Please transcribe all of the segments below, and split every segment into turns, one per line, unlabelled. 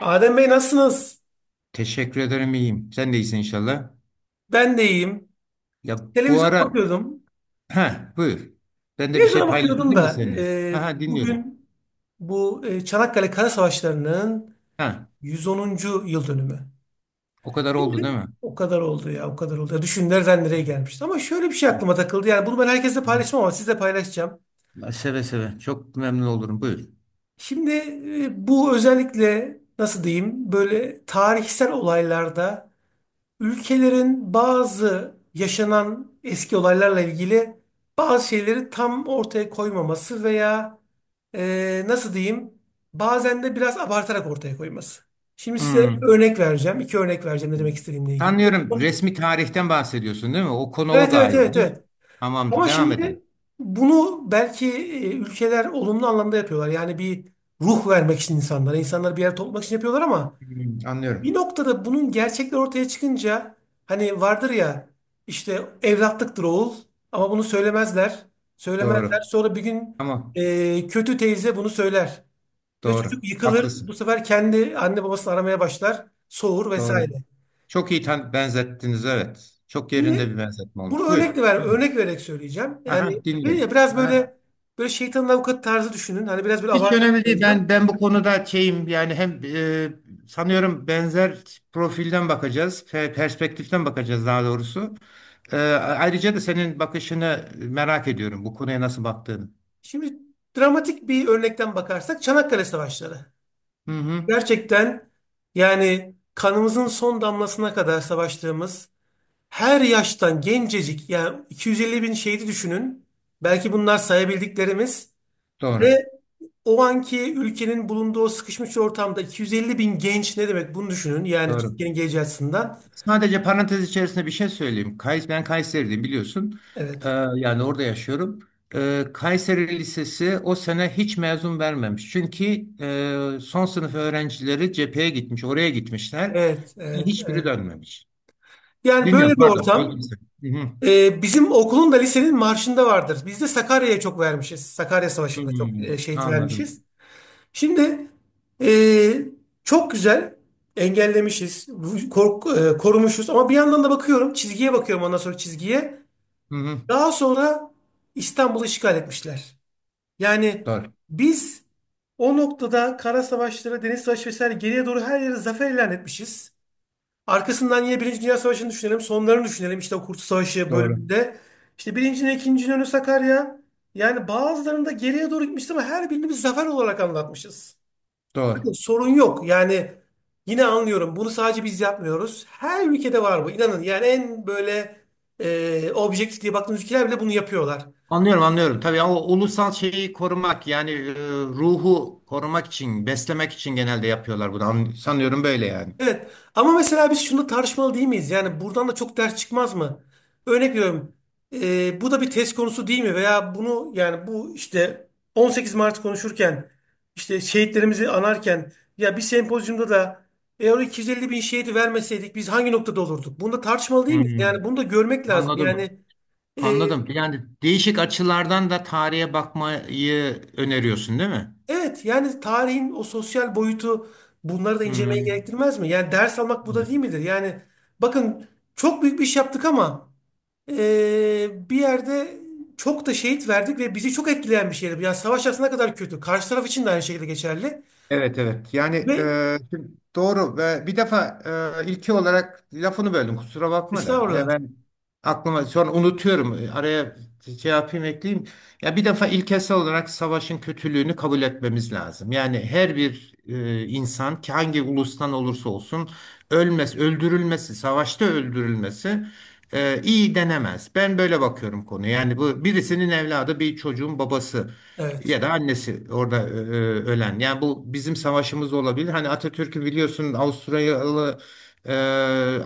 Adem Bey nasılsınız?
Teşekkür ederim, iyiyim. Sen de iyisin inşallah.
Ben de iyiyim.
Ya, bu
Televizyona
ara.
bakıyordum.
Ha, buyur. Ben de bir şey
Televizyona bakıyordum
paylaşabilir miyim
da
seninle? Aha, dinliyorum.
bugün bu Çanakkale Kara Savaşları'nın
Ha,
110. yıl dönümü.
o kadar oldu değil
Şimdi
mi?
o kadar oldu ya, o kadar oldu. Ya, düşün nereden nereye gelmişti. Ama şöyle bir şey aklıma takıldı. Yani bunu ben herkesle
Hı.
paylaşmam ama sizle paylaşacağım.
Seve seve. Çok memnun olurum. Buyur.
Şimdi bu özellikle nasıl diyeyim böyle tarihsel olaylarda ülkelerin bazı yaşanan eski olaylarla ilgili bazı şeyleri tam ortaya koymaması veya nasıl diyeyim bazen de biraz abartarak ortaya koyması. Şimdi size
Hmm.
örnek vereceğim. İki örnek vereceğim ne demek istediğimle ilgili.
Sanıyorum resmi tarihten bahsediyorsun değil mi? O konu o
Evet, evet,
galiba
evet,
değil mi?
evet.
Tamamdır.
Ama
Devam
şimdi
edelim.
bunu belki ülkeler olumlu anlamda yapıyorlar. Yani bir ruh vermek için insanlara, insanları bir yere toplamak için yapıyorlar ama
Hmm,
bir
anlıyorum.
noktada bunun gerçekler ortaya çıkınca hani vardır ya, işte evlatlıktır oğul, ama bunu söylemezler. Söylemezler.
Doğru.
Sonra bir gün
Tamam.
kötü teyze bunu söyler. Ve çocuk
Doğru.
yıkılır. Bu
Haklısın.
sefer kendi anne babasını aramaya başlar. Soğur
Doğru.
vesaire.
Çok iyi benzettiniz, evet. Çok yerinde
Şimdi
bir benzetme
bunu
olmuş. Buyur.
örnek vererek söyleyeceğim. Yani
Aha,
dedim ya
dinliyorum.
biraz
Aha.
böyle şeytanın avukatı tarzı düşünün. Hani biraz böyle
Hiç
abartarak
önemli değil. Ben
söyleyeceğim.
ben bu konuda şeyim yani hem sanıyorum benzer profilden bakacağız, perspektiften bakacağız daha doğrusu. Ayrıca da senin bakışını merak ediyorum, bu konuya nasıl baktığını.
Şimdi dramatik bir örnekten bakarsak Çanakkale Savaşları.
Hı hı.
Gerçekten yani kanımızın son damlasına kadar savaştığımız her yaştan gencecik yani 250 bin şehidi düşünün. Belki bunlar sayabildiklerimiz
Doğru.
ve o anki ülkenin bulunduğu o sıkışmış ortamda 250 bin genç ne demek bunu düşünün. Yani
Doğru.
Türkiye'nin geleceği açısından.
Sadece parantez içerisinde bir şey söyleyeyim. Ben Kayseri'deyim, biliyorsun. Ee,
Evet,
Yani orada yaşıyorum. Kayseri Lisesi o sene hiç mezun vermemiş. Çünkü son sınıf öğrencileri cepheye gitmiş, oraya gitmişler.
evet, evet,
Hiçbiri
evet.
dönmemiş.
Yani böyle
Dinliyorum,
bir
pardon,
ortam
böldüm seni. Hı hı.
bizim okulun da, lisenin marşında vardır. Biz de Sakarya'ya çok vermişiz. Sakarya
Hı
Savaşı'nda çok
hı.
şehit vermişiz.
Anladım.
Şimdi eee, çok güzel engellemişiz, korumuşuz ama bir yandan da bakıyorum çizgiye, bakıyorum ondan sonra çizgiye.
Hı hı.
Daha sonra İstanbul'u işgal etmişler. Yani
Doğru,
biz o noktada kara savaşları, deniz savaşı vesaire geriye doğru her yere zafer ilan etmişiz. Arkasından yine Birinci Dünya Savaşı'nı düşünelim, sonlarını düşünelim, işte o Kurtuluş Savaşı
doğru,
bölümünde. İşte birincinin ikinci önü Sakarya. Yani bazılarında geriye doğru gitmişiz ama her birini biz zafer olarak anlatmışız.
doğru.
Sorun yok. Yani yine anlıyorum. Bunu sadece biz yapmıyoruz. Her ülkede var bu. İnanın yani en böyle objektif diye baktığınız ülkeler bile bunu yapıyorlar.
Anlıyorum, anlıyorum. Tabii o ulusal şeyi korumak, yani ruhu korumak için, beslemek için genelde yapıyorlar bunu. Sanıyorum böyle yani.
Evet. Ama mesela biz şunu tartışmalı değil miyiz? Yani buradan da çok ders çıkmaz mı? Örnek veriyorum. Bu da bir test konusu değil mi? Veya bunu, yani bu işte 18 Mart konuşurken, işte şehitlerimizi anarken ya bir sempozyumda da, eğer o 250 bin şehidi vermeseydik biz hangi noktada olurduk? Bunu da tartışmalı değil miyiz?
Hmm,
Yani bunu da görmek lazım.
anladım.
Yani Ee,
Anladım. Yani değişik açılardan da tarihe bakmayı öneriyorsun, değil mi?
evet, yani tarihin o sosyal boyutu, bunları da incelemeyi
Hmm.
gerektirmez mi? Yani ders almak bu da değil midir? Yani bakın, çok büyük bir iş yaptık ama bir yerde çok da şehit verdik ve bizi çok etkileyen bir şeydi. Yani savaş aslında kadar kötü. Karşı taraf için de aynı şekilde geçerli.
Evet, evet. Yani
Ve
şimdi doğru ve bir defa ilki olarak lafını böldüm, kusura bakma da. Ya
estağfurullah.
ben aklıma sonra unutuyorum. Araya şey yapayım, ekleyeyim. Ya bir defa ilkesel olarak savaşın kötülüğünü kabul etmemiz lazım. Yani her bir insan, ki hangi ulustan olursa olsun ölmez, öldürülmesi, savaşta öldürülmesi iyi denemez. Ben böyle bakıyorum konuya. Yani bu birisinin evladı, bir çocuğun babası
Evet.
ya da annesi orada ölen. Yani bu bizim savaşımız olabilir. Hani Atatürk'ü biliyorsun, Avusturyalı ee,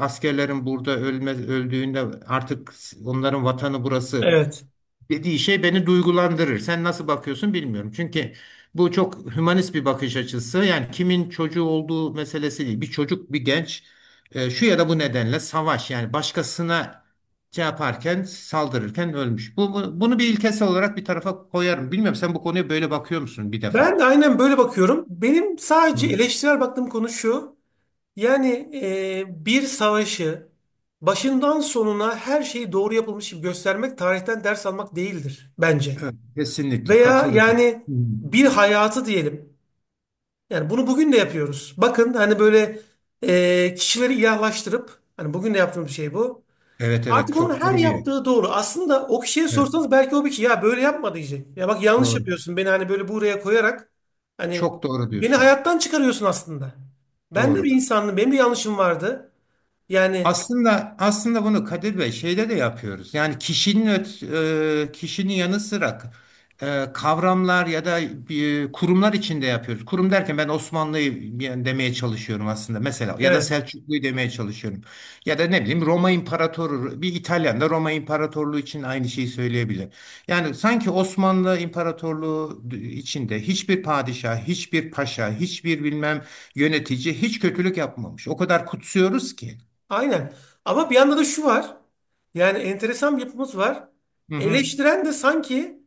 askerlerin burada öldüğünde artık onların vatanı burası
Evet.
dediği şey beni duygulandırır. Sen nasıl bakıyorsun bilmiyorum. Çünkü bu çok hümanist bir bakış açısı. Yani kimin çocuğu olduğu meselesi değil. Bir çocuk, bir genç şu ya da bu nedenle savaş yani başkasına şey yaparken, saldırırken ölmüş. Bunu bir ilkesel olarak bir tarafa koyarım. Bilmiyorum, sen bu konuya böyle bakıyor musun bir defa?
Ben de aynen böyle bakıyorum. Benim sadece
Hı.
eleştirel baktığım konu şu. Yani bir savaşı başından sonuna her şeyi doğru yapılmış gibi göstermek tarihten ders almak değildir bence.
Evet, kesinlikle
Veya
katılıyorum.
yani
Hı.
bir hayatı diyelim. Yani bunu bugün de yapıyoruz. Bakın hani böyle kişileri ilahlaştırıp, hani bugün de yaptığımız şey bu.
Evet, evet,
Artık
çok
onun her
doğru bir yer.
yaptığı doğru. Aslında o kişiye
Evet.
sorsanız belki o bir kişi, ya böyle yapma diyecek. Ya bak, yanlış
Doğru.
yapıyorsun, beni hani böyle buraya koyarak hani
Çok doğru
beni
diyorsun.
hayattan çıkarıyorsun aslında. Ben de
Doğru.
bir insandım. Benim de yanlışım vardı. Yani
Aslında bunu Kadir Bey şeyde de yapıyoruz. Yani kişinin yanı sıra kavramlar ya da kurumlar içinde yapıyoruz. Kurum derken ben Osmanlı'yı yani demeye çalışıyorum aslında, mesela, ya da
evet,
Selçuklu'yu demeye çalışıyorum. Ya da ne bileyim, Roma İmparatoru bir İtalyan da Roma İmparatorluğu için aynı şeyi söyleyebilir. Yani sanki Osmanlı İmparatorluğu içinde hiçbir padişah, hiçbir paşa, hiçbir bilmem yönetici hiç kötülük yapmamış. O kadar kutsuyoruz ki.
aynen. Ama bir yanda da şu var. Yani enteresan bir yapımız var.
Hı hı.
Eleştiren de sanki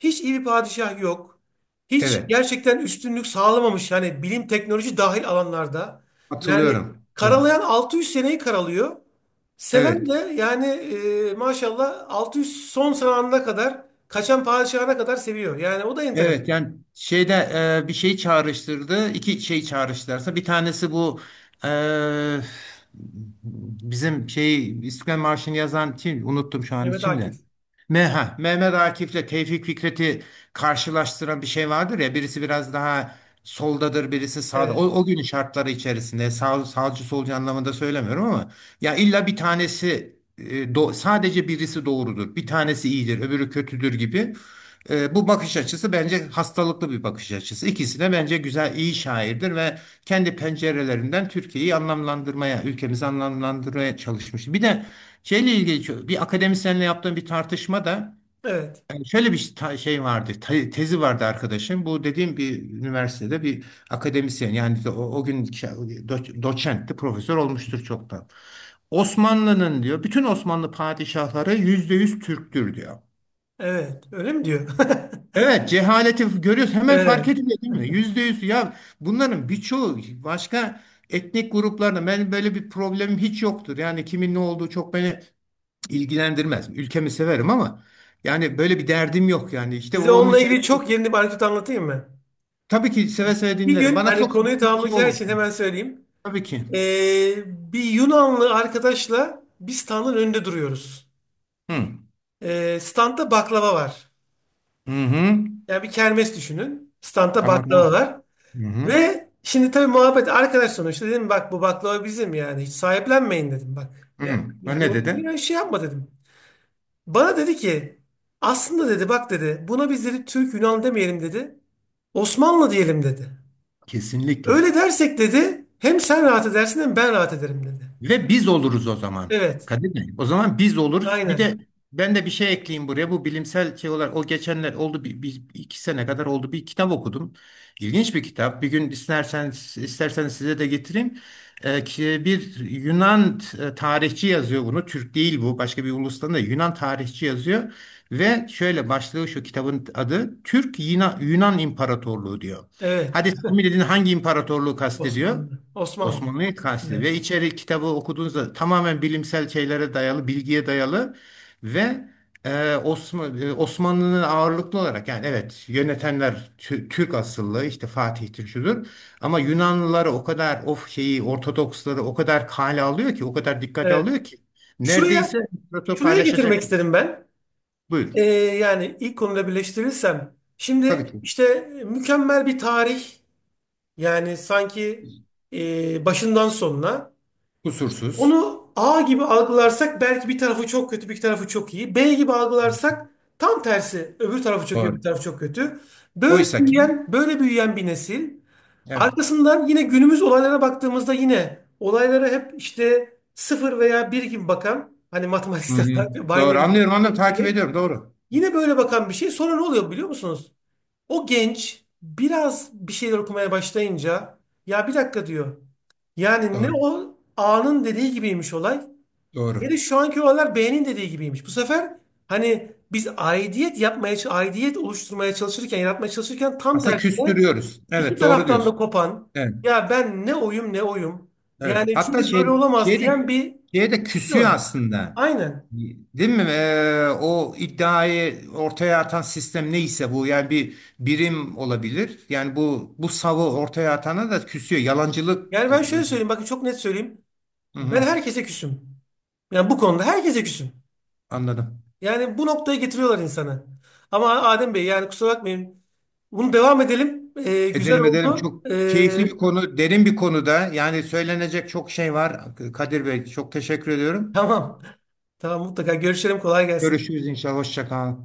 hiç iyi bir padişah yok. Hiç
Evet.
gerçekten üstünlük sağlamamış yani bilim, teknoloji dahil alanlarda. Yani
Hatırlıyorum. Doğru.
karalayan 600 seneyi karalıyor. Seven de
Evet.
yani maşallah 600 son zamanına kadar, kaçan padişahına kadar seviyor. Yani o da enteresan.
Evet yani şeyde bir şey çağrıştırdı. İki şey çağrıştırsa bir tanesi bu e, bizim şey İstiklal Marşı'nı yazan kim, unuttum şu an
Mehmet
içinde.
Akif.
Mehmet Akif'le Tevfik Fikret'i karşılaştıran bir şey vardır ya, birisi biraz daha soldadır, birisi sağda. O,
Evet.
o günün şartları içerisinde sağcı solcu anlamında söylemiyorum ama ya illa bir tanesi sadece birisi doğrudur. Bir tanesi iyidir, öbürü kötüdür gibi. Bu bakış açısı bence hastalıklı bir bakış açısı. İkisi de bence güzel, iyi şairdir ve kendi pencerelerinden Türkiye'yi anlamlandırmaya, ülkemizi anlamlandırmaya çalışmış. Bir de şeyle ilgili bir akademisyenle yaptığım bir tartışmada
Evet.
yani şöyle bir şey vardı, tezi vardı arkadaşım. Bu dediğim bir üniversitede bir akademisyen, yani o gün doçentti, profesör olmuştur çoktan. Osmanlı'nın diyor, bütün Osmanlı padişahları %100 Türktür diyor.
Evet. Öyle mi diyor?
Evet, cehaleti görüyoruz. Hemen
Evet.
fark ediliyor değil mi? %100. Ya bunların birçoğu başka etnik gruplarda, ben böyle bir problemim hiç yoktur. Yani kimin ne olduğu çok beni ilgilendirmez. Ülkemi severim ama yani böyle bir derdim yok yani. İşte
Size
onun
onunla
için
ilgili çok yeni bir anekdot anlatayım mı?
tabii ki seve seve
Bir
dinlerim.
gün,
Bana
hani
çok
konuyu
çok iyi
tamamlayacağı
olmuş.
için hemen söyleyeyim.
Tabii ki.
Ee, Bir Yunanlı arkadaşla bir standın önünde duruyoruz.
Hı.
Standta baklava var.
Hı hı.
Yani bir kermes düşünün. Standta
Tamam,
baklava
tamam.
var.
Hı hı.
Ve şimdi tabii muhabbet, arkadaş sonuçta, dedim bak bu baklava bizim, yani hiç sahiplenmeyin dedim bak. Ya,
Hı. Ha,
biz
ne
bunu
dedi?
bir şey yapma dedim. Bana dedi ki, aslında dedi bak dedi, buna biz dedi Türk Yunan demeyelim dedi. Osmanlı diyelim dedi.
Kesinlikle.
Öyle dersek dedi hem sen rahat edersin hem ben rahat ederim dedi.
Ve biz oluruz o zaman.
Evet.
Kadir Bey, o zaman biz oluruz. Bir
Aynen.
de ben de bir şey ekleyeyim buraya. Bu bilimsel şey olarak, o geçenler oldu iki sene kadar oldu, bir kitap okudum. İlginç bir kitap. Bir gün isterseniz size de getireyim. Bir Yunan tarihçi yazıyor bunu. Türk değil bu. Başka bir ulustan da, Yunan tarihçi yazıyor. Ve şöyle başlığı, şu kitabın adı, Türk Yunan İmparatorluğu diyor.
Evet.
Hadi tahmin edin, hangi imparatorluğu kastediyor?
Osmanlı. Osmanlı.
Osmanlı'yı kastediyor.
Evet.
Ve içeri kitabı okuduğunuzda tamamen bilimsel şeylere dayalı, bilgiye dayalı ve Osmanlı'nın ağırlıklı olarak, yani evet, yönetenler Türk asıllı, işte Fatih'tir şudur, ama Yunanlıları o kadar of şeyi, Ortodoksları o kadar kale alıyor ki, o kadar dikkate
Evet.
alıyor ki neredeyse
Şuraya
proto
Şuraya getirmek
paylaşacak.
istedim ben.
Buyurun.
Yani ilk konuda birleştirirsem.
Tabii
Şimdi
ki.
işte mükemmel bir tarih. Yani sanki başından sonuna.
Kusursuz.
Onu A gibi algılarsak belki bir tarafı çok kötü, bir tarafı çok iyi. B gibi algılarsak tam tersi. Öbür tarafı çok iyi, öbür
Doğru.
tarafı çok kötü.
Oysa ki
Böyle büyüyen bir nesil.
evet.
Arkasından yine günümüz olaylara baktığımızda yine olaylara hep işte sıfır veya bir gibi bakan, hani
Hı
matematiksel
hı.
olarak
Doğru,
binary
anlıyorum, anlıyorum, takip
gibi
ediyorum, doğru.
yine böyle bakan bir şey. Sonra ne oluyor biliyor musunuz? O genç biraz bir şeyler okumaya başlayınca, ya bir dakika diyor. Yani ne
Doğru.
o A'nın dediği gibiymiş olay. Bir
Doğru.
de şu anki olaylar beğenin dediği gibiymiş. Bu sefer hani biz aidiyet yapmaya, aidiyet oluşturmaya çalışırken, yaratmaya çalışırken tam
Aslında
tersine
küstürüyoruz.
iki
Evet, doğru
taraftan da
diyorsun.
kopan,
Evet,
ya ben ne oyum, ne oyum.
evet.
Yani
Hatta
çünkü böyle olamaz diyen bir
şey de
kitle
küsüyor
var.
aslında.
Aynen.
Değil mi? O iddiayı ortaya atan sistem neyse, bu yani bir birim olabilir. Yani bu savı ortaya atana da küsüyor. Yalancılık.
Yani ben şöyle söyleyeyim, bakın çok net söyleyeyim.
Hı
Ben
hı,
herkese küsüm. Yani bu konuda herkese küsüm.
anladım.
Yani bu noktaya getiriyorlar insanı. Ama Adem Bey yani kusura bakmayın. Bunu devam edelim. Güzel
Edelim, edelim.
oldu.
Çok keyifli bir konu, derin bir konuda. Yani söylenecek çok şey var. Kadir Bey, çok teşekkür ediyorum.
Tamam. Tamam, mutlaka görüşelim. Kolay gelsin.
Görüşürüz inşallah. Hoşça kal.